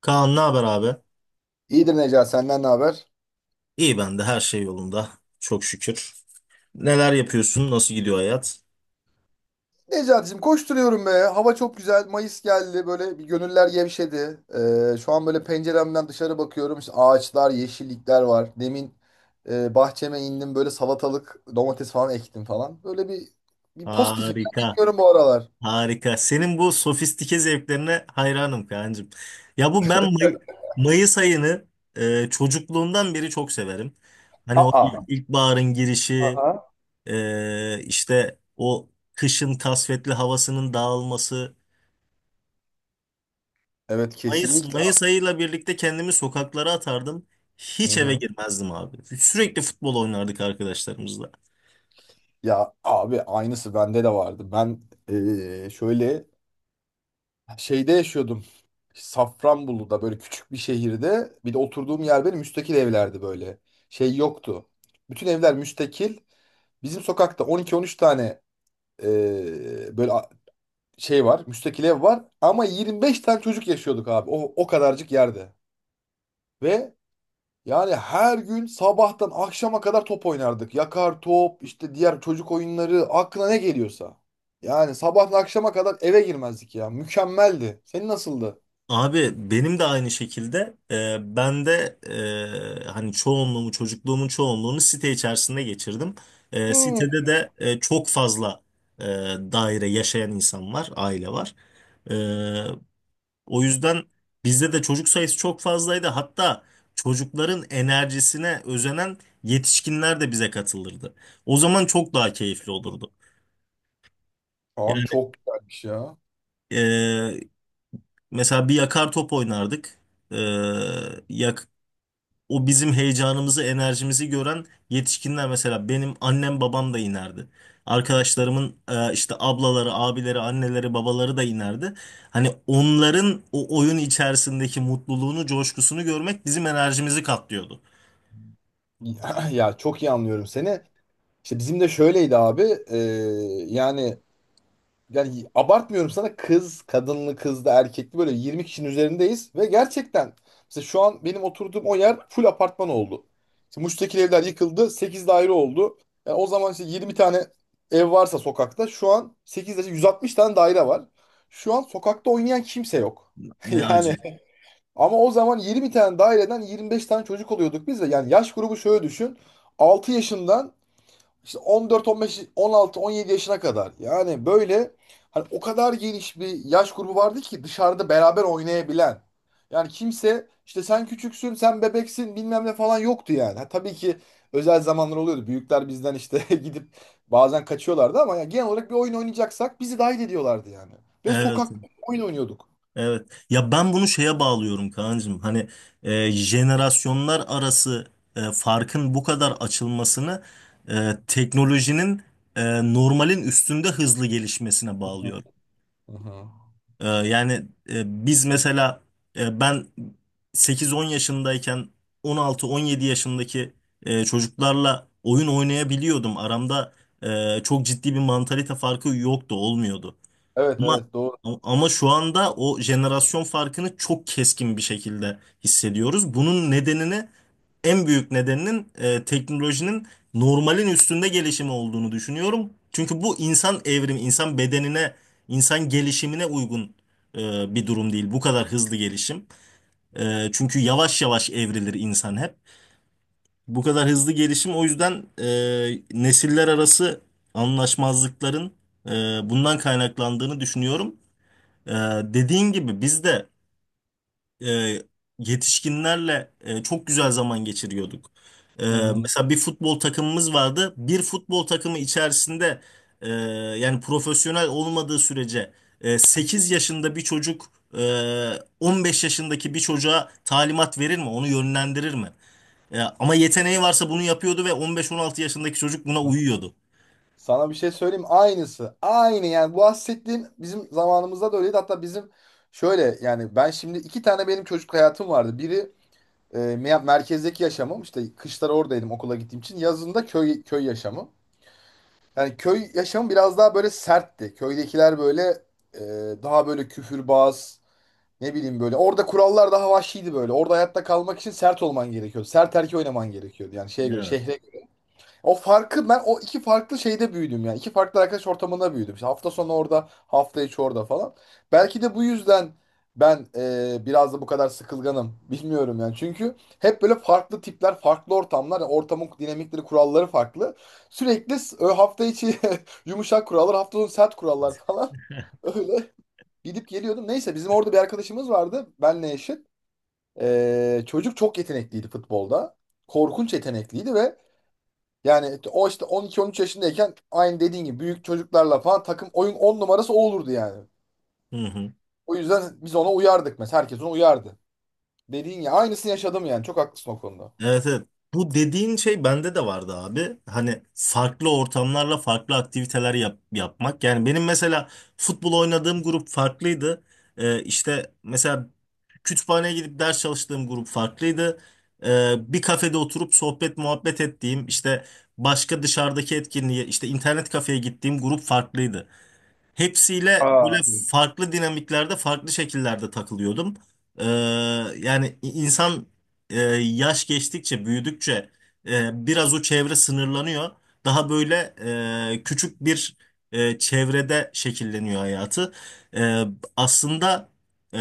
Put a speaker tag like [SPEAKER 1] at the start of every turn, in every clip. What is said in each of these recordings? [SPEAKER 1] Kaan ne haber abi?
[SPEAKER 2] İyidir Necati senden ne haber?
[SPEAKER 1] İyi ben de her şey yolunda. Çok şükür. Neler yapıyorsun? Nasıl gidiyor hayat?
[SPEAKER 2] Necati'cim koşturuyorum be. Hava çok güzel. Mayıs geldi. Böyle bir gönüller gevşedi. Şu an böyle penceremden dışarı bakıyorum. İşte ağaçlar, yeşillikler var. Demin bahçeme indim. Böyle salatalık, domates falan ektim falan. Böyle bir pozitifim ya.
[SPEAKER 1] Harika.
[SPEAKER 2] Bilmiyorum bu aralar.
[SPEAKER 1] Harika. Senin bu sofistike zevklerine hayranım Kaan'cığım. Ya bu ben May- Mayıs ayını çocukluğumdan beri çok severim. Hani o
[SPEAKER 2] Aa.
[SPEAKER 1] ilkbaharın girişi,
[SPEAKER 2] Aa.
[SPEAKER 1] işte o kışın kasvetli havasının dağılması.
[SPEAKER 2] Evet, kesinlikle.
[SPEAKER 1] Mayıs ayıyla birlikte kendimi sokaklara atardım.
[SPEAKER 2] Hı
[SPEAKER 1] Hiç eve
[SPEAKER 2] hı.
[SPEAKER 1] girmezdim abi. Sürekli futbol oynardık arkadaşlarımızla.
[SPEAKER 2] Ya abi, aynısı bende de vardı. Ben şöyle şeyde yaşıyordum. Safranbolu'da böyle küçük bir şehirde, bir de oturduğum yer benim, müstakil evlerdi böyle. Şey yoktu. Bütün evler müstakil. Bizim sokakta 12-13 tane böyle şey var. Müstakil ev var. Ama 25 tane çocuk yaşıyorduk abi. O kadarcık yerde. Ve yani her gün sabahtan akşama kadar top oynardık. Yakar top, işte diğer çocuk oyunları, aklına ne geliyorsa. Yani sabahtan akşama kadar eve girmezdik ya. Mükemmeldi. Senin nasıldı?
[SPEAKER 1] Abi benim de aynı şekilde ben de hani çocukluğumun çoğunluğunu site içerisinde geçirdim.
[SPEAKER 2] Hmm.
[SPEAKER 1] Sitede de çok fazla e, daire yaşayan insan var, aile var. E, O yüzden bizde de çocuk sayısı çok fazlaydı. Hatta çocukların enerjisine özenen yetişkinler de bize katılırdı. O zaman çok daha keyifli olurdu. Yani
[SPEAKER 2] Abi çok güzelmiş ya.
[SPEAKER 1] e, mesela bir yakar top oynardık. E, yak, O bizim heyecanımızı, enerjimizi gören yetişkinler mesela benim annem babam da inerdi. Arkadaşlarımın işte ablaları, abileri, anneleri, babaları da inerdi. Hani onların o oyun içerisindeki mutluluğunu, coşkusunu görmek bizim enerjimizi katlıyordu.
[SPEAKER 2] Ya ya, çok iyi anlıyorum seni. İşte bizim de şöyleydi abi. e, yani yani abartmıyorum sana, kız, kadınlı, kızlı, erkekli böyle 20 kişinin üzerindeyiz ve gerçekten mesela şu an benim oturduğum o yer full apartman oldu. İşte Muş'taki evler yıkıldı, 8 daire oldu. Yani o zaman işte 20 tane ev varsa sokakta, şu an 8 daire, 160 tane daire var. Şu an sokakta oynayan kimse yok.
[SPEAKER 1] Ne
[SPEAKER 2] Yani
[SPEAKER 1] acı.
[SPEAKER 2] ama o zaman 20 tane daireden 25 tane çocuk oluyorduk biz de. Yani yaş grubu şöyle düşün. Altı yaşından işte 14, 15, 16, 17 yaşına kadar. Yani böyle hani o kadar geniş bir yaş grubu vardı ki dışarıda beraber oynayabilen. Yani kimse işte sen küçüksün, sen bebeksin bilmem ne falan yoktu yani. Ha, tabii ki özel zamanlar oluyordu. Büyükler bizden işte gidip bazen kaçıyorlardı ama yani genel olarak bir oyun oynayacaksak bizi dahil ediyorlardı yani. Ve
[SPEAKER 1] Evet,
[SPEAKER 2] sokak oyun oynuyorduk.
[SPEAKER 1] evet. Ya ben bunu şeye bağlıyorum Kaan'cığım. Hani jenerasyonlar arası farkın bu kadar açılmasını teknolojinin normalin üstünde hızlı gelişmesine bağlıyorum.
[SPEAKER 2] Hı hı.
[SPEAKER 1] Yani biz mesela ben 8-10 yaşındayken 16-17 yaşındaki çocuklarla oyun oynayabiliyordum. Aramda çok ciddi bir mantalite farkı yoktu, olmuyordu.
[SPEAKER 2] Evet,
[SPEAKER 1] Ama
[SPEAKER 2] evet, doğru.
[SPEAKER 1] Ama şu anda o jenerasyon farkını çok keskin bir şekilde hissediyoruz. Bunun nedenini En büyük nedeninin teknolojinin normalin üstünde gelişimi olduğunu düşünüyorum. Çünkü bu insan evrimi, insan bedenine, insan gelişimine uygun bir durum değil. Bu kadar hızlı gelişim. Çünkü yavaş yavaş evrilir insan hep. Bu kadar hızlı gelişim o yüzden nesiller arası anlaşmazlıkların e, bundan kaynaklandığını düşünüyorum. E, Dediğin gibi biz de e, yetişkinlerle çok güzel zaman geçiriyorduk. E,
[SPEAKER 2] Hı hı.
[SPEAKER 1] Mesela bir futbol takımımız vardı. Bir futbol takımı içerisinde e, yani profesyonel olmadığı sürece 8 yaşında bir çocuk e, 15 yaşındaki bir çocuğa talimat verir mi? Onu yönlendirir mi? Ama yeteneği varsa bunu yapıyordu ve 15-16 yaşındaki çocuk buna uyuyordu.
[SPEAKER 2] Sana bir şey söyleyeyim, aynısı. Aynı yani, bu bahsettiğin bizim zamanımızda da öyleydi. Hatta bizim şöyle, yani ben şimdi iki tane benim çocukluk hayatım vardı. Biri merkezdeki yaşamım, işte kışları oradaydım okula gittiğim için. Yazında köy köy yaşamı. Yani köy yaşamı biraz daha böyle sertti. Köydekiler böyle daha böyle küfürbaz, ne bileyim böyle. Orada kurallar daha vahşiydi böyle. Orada hayatta kalmak için sert olman gerekiyordu. Sert erkeği oynaman gerekiyordu. Yani şeye göre
[SPEAKER 1] Evet.
[SPEAKER 2] şehre. O farkı ben o iki farklı şeyde büyüdüm yani. İki farklı arkadaş ortamında büyüdüm. İşte hafta sonu orada, hafta içi orada falan. Belki de bu yüzden ben biraz da bu kadar sıkılganım. Bilmiyorum yani. Çünkü hep böyle farklı tipler, farklı ortamlar, yani ortamın dinamikleri, kuralları farklı. Sürekli hafta içi yumuşak kurallar, hafta sonu sert kurallar falan. Öyle gidip geliyordum. Neyse, bizim orada bir arkadaşımız vardı. Benle eşit. Çocuk çok yetenekliydi futbolda. Korkunç yetenekliydi ve yani o işte 12-13 yaşındayken, aynı dediğin gibi büyük çocuklarla falan takım oyun 10 numarası o olurdu yani.
[SPEAKER 1] Hı hı.
[SPEAKER 2] O yüzden biz ona uyardık mesela. Herkes ona uyardı. Dediğin ya, aynısını yaşadım yani. Çok haklısın o konuda.
[SPEAKER 1] Evet, evet. Bu dediğin şey bende de vardı abi. Hani farklı ortamlarla farklı aktiviteler yapmak. Yani benim mesela futbol oynadığım grup farklıydı. İşte mesela kütüphaneye gidip ders çalıştığım grup farklıydı. Bir kafede oturup sohbet muhabbet ettiğim işte başka dışarıdaki etkinliğe işte internet kafeye gittiğim grup farklıydı. Hepsiyle böyle farklı dinamiklerde, farklı şekillerde takılıyordum. Ee, Yani insan yaş geçtikçe, büyüdükçe biraz o çevre sınırlanıyor. Daha böyle küçük bir çevrede şekilleniyor hayatı. E, Aslında e,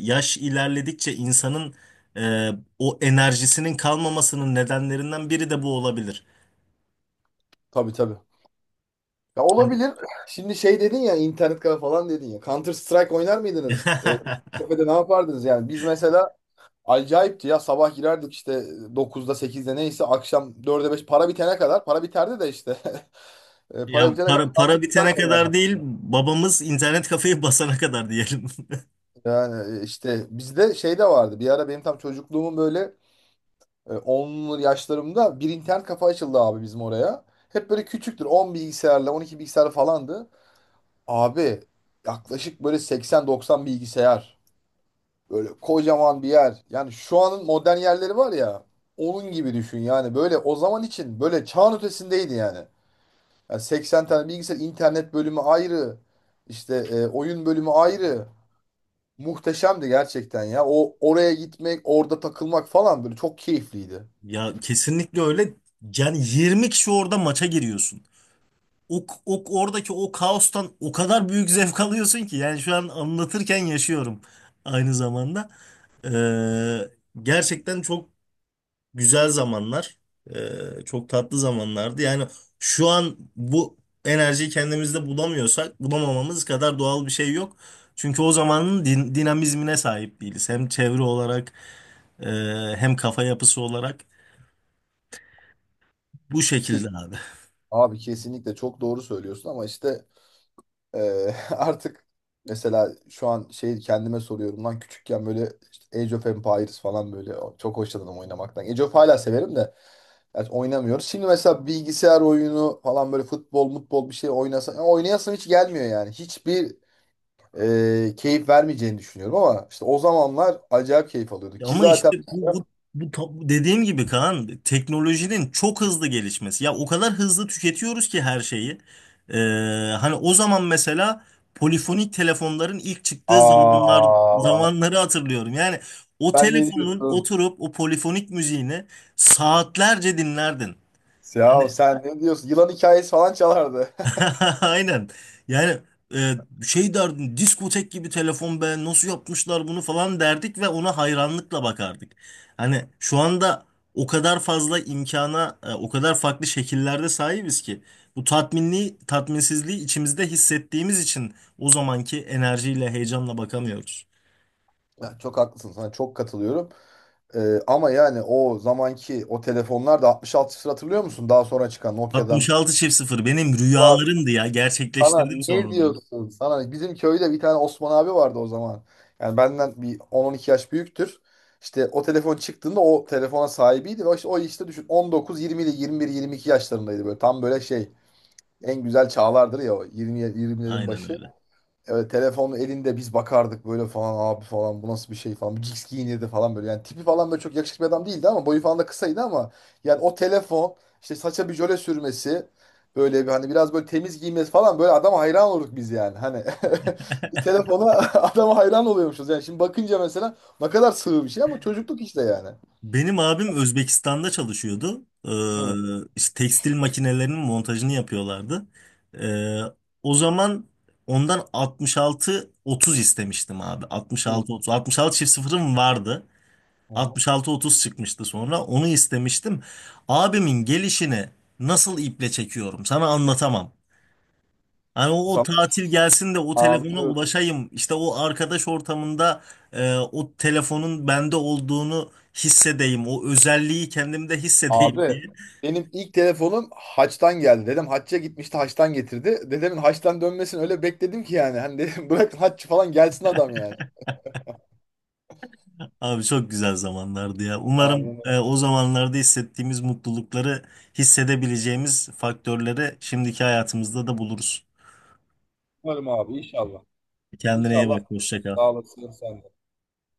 [SPEAKER 1] yaş ilerledikçe insanın e, o enerjisinin kalmamasının nedenlerinden biri de bu olabilir.
[SPEAKER 2] Tabii, tabii. Ya,
[SPEAKER 1] Yani-
[SPEAKER 2] olabilir. Şimdi şey dedin ya, internet kafe falan dedin ya. Counter Strike oynar mıydınız? Kafede ne yapardınız yani? Biz mesela acayipti ya, sabah girerdik işte 9'da 8'de neyse, akşam 4'e 5 para bitene kadar, para biterdi de işte. Para
[SPEAKER 1] Ya
[SPEAKER 2] bitene kadar
[SPEAKER 1] para
[SPEAKER 2] Counter
[SPEAKER 1] bitene
[SPEAKER 2] Strike
[SPEAKER 1] kadar
[SPEAKER 2] oynardık.
[SPEAKER 1] değil, babamız internet kafeyi basana kadar diyelim.
[SPEAKER 2] Yani işte bizde şey de vardı. Bir ara benim tam çocukluğumun böyle 10'lu yaşlarımda bir internet kafa açıldı abi bizim oraya. Hep böyle küçüktür. 10 bilgisayarla 12 bilgisayar falandı. Abi yaklaşık böyle 80-90 bilgisayar. Böyle kocaman bir yer. Yani şu anın modern yerleri var ya, onun gibi düşün yani. Böyle o zaman için böyle çağın ötesindeydi yani. Yani 80 tane bilgisayar, internet bölümü ayrı. İşte oyun bölümü ayrı. Muhteşemdi gerçekten ya. O oraya gitmek, orada takılmak falan böyle çok keyifliydi.
[SPEAKER 1] Ya kesinlikle öyle. Yani 20 kişi orada maça giriyorsun. O oradaki o kaostan o kadar büyük zevk alıyorsun ki yani şu an anlatırken yaşıyorum aynı zamanda. Ee, Gerçekten çok güzel zamanlar, e, çok tatlı zamanlardı. Yani şu an bu enerjiyi kendimizde bulamıyorsak bulamamamız kadar doğal bir şey yok. Çünkü o zamanın dinamizmine sahip değiliz. Hem çevre olarak, e, hem kafa yapısı olarak bu
[SPEAKER 2] Ke-
[SPEAKER 1] şekilde abi.
[SPEAKER 2] Abi kesinlikle çok doğru söylüyorsun ama işte e, artık mesela şu an şey kendime soruyorum lan, küçükken böyle işte Age of Empires falan böyle çok hoşlanırım oynamaktan. Age of hala severim de, yani oynamıyoruz. Şimdi mesela bilgisayar oyunu falan böyle futbol, mutbol bir şey oynasam ya oynayasım hiç gelmiyor yani. Hiçbir keyif vermeyeceğini düşünüyorum ama işte o zamanlar acayip keyif alıyordu. Ki
[SPEAKER 1] Ama
[SPEAKER 2] zaten.
[SPEAKER 1] işte bu dediğim gibi Kaan teknolojinin çok hızlı gelişmesi. Ya o kadar hızlı tüketiyoruz ki her şeyi. Ee, Hani o zaman mesela polifonik telefonların ilk çıktığı
[SPEAKER 2] Aa,
[SPEAKER 1] zamanları hatırlıyorum. Yani o
[SPEAKER 2] sen ne
[SPEAKER 1] telefonun
[SPEAKER 2] diyorsun?
[SPEAKER 1] oturup o polifonik müziğini saatlerce dinlerdin.
[SPEAKER 2] Ya
[SPEAKER 1] Hani
[SPEAKER 2] sen ne diyorsun? Yılan hikayesi falan çalardı.
[SPEAKER 1] Aynen. Yani e, şey derdim diskotek gibi telefon be nasıl yapmışlar bunu falan derdik ve ona hayranlıkla bakardık. Hani şu anda o kadar fazla imkana o kadar farklı şekillerde sahibiz ki bu tatminsizliği içimizde hissettiğimiz için o zamanki enerjiyle heyecanla bakamıyoruz.
[SPEAKER 2] Ya çok haklısın, sana çok katılıyorum. Ama yani o zamanki o telefonlar da 6600, hatırlıyor musun? Daha sonra çıkan Nokia'dan.
[SPEAKER 1] 66 çift sıfır benim
[SPEAKER 2] Var.
[SPEAKER 1] rüyalarımdı ya
[SPEAKER 2] Sana
[SPEAKER 1] gerçekleştirdim
[SPEAKER 2] ne
[SPEAKER 1] sonra onu.
[SPEAKER 2] diyorsun? Sana bizim köyde bir tane Osman abi vardı o zaman. Yani benden bir 10-12 yaş büyüktür. İşte o telefon çıktığında o telefona sahibiydi ve işte o, işte düşün, 19 20 ile 21 22 yaşlarındaydı, böyle tam böyle şey, en güzel çağlardır ya, o 20, 20'lerin
[SPEAKER 1] Aynen
[SPEAKER 2] başı.
[SPEAKER 1] öyle.
[SPEAKER 2] Evet telefon elinde, biz bakardık böyle, falan abi falan bu nasıl bir şey falan. Bu Jigs giyinirdi falan böyle. Yani tipi falan böyle çok yakışıklı bir adam değildi ama boyu falan da kısaydı ama yani o telefon, işte saça bir jöle sürmesi, böyle bir hani biraz böyle temiz giymesi falan, böyle adama hayran olurduk biz yani. Hani bir telefona adama hayran oluyormuşuz. Yani şimdi bakınca mesela, ne kadar sığ bir şey ama çocukluk işte yani.
[SPEAKER 1] Benim abim Özbekistan'da çalışıyordu. Ee,
[SPEAKER 2] Hı.
[SPEAKER 1] işte tekstil makinelerinin montajını yapıyorlardı. Ee, O zaman ondan 66-30 istemiştim abi.
[SPEAKER 2] Hı.
[SPEAKER 1] 66-30. 66 çift sıfırım vardı.
[SPEAKER 2] Hı.
[SPEAKER 1] 66-30 çıkmıştı sonra. Onu istemiştim. Abimin gelişini nasıl iple çekiyorum sana anlatamam. Hani o
[SPEAKER 2] Sana
[SPEAKER 1] tatil gelsin de o telefona
[SPEAKER 2] anlıyorum.
[SPEAKER 1] ulaşayım. İşte o arkadaş ortamında o telefonun bende olduğunu hissedeyim. O özelliği kendimde hissedeyim
[SPEAKER 2] Abi
[SPEAKER 1] diye.
[SPEAKER 2] benim ilk telefonum Haç'tan geldi. Dedem Haç'a gitmişti, Haç'tan getirdi. Dedemin Haç'tan dönmesini öyle bekledim ki yani. Hani dedim, bırakın Haç falan gelsin adam yani.
[SPEAKER 1] Abi çok güzel zamanlardı ya. Umarım
[SPEAKER 2] Aynen.
[SPEAKER 1] o zamanlarda hissettiğimiz mutlulukları hissedebileceğimiz faktörleri şimdiki hayatımızda da buluruz.
[SPEAKER 2] Umarım abi, inşallah.
[SPEAKER 1] Kendine iyi
[SPEAKER 2] İnşallah
[SPEAKER 1] bak. Hoşça kal.
[SPEAKER 2] sağ olasın sen de.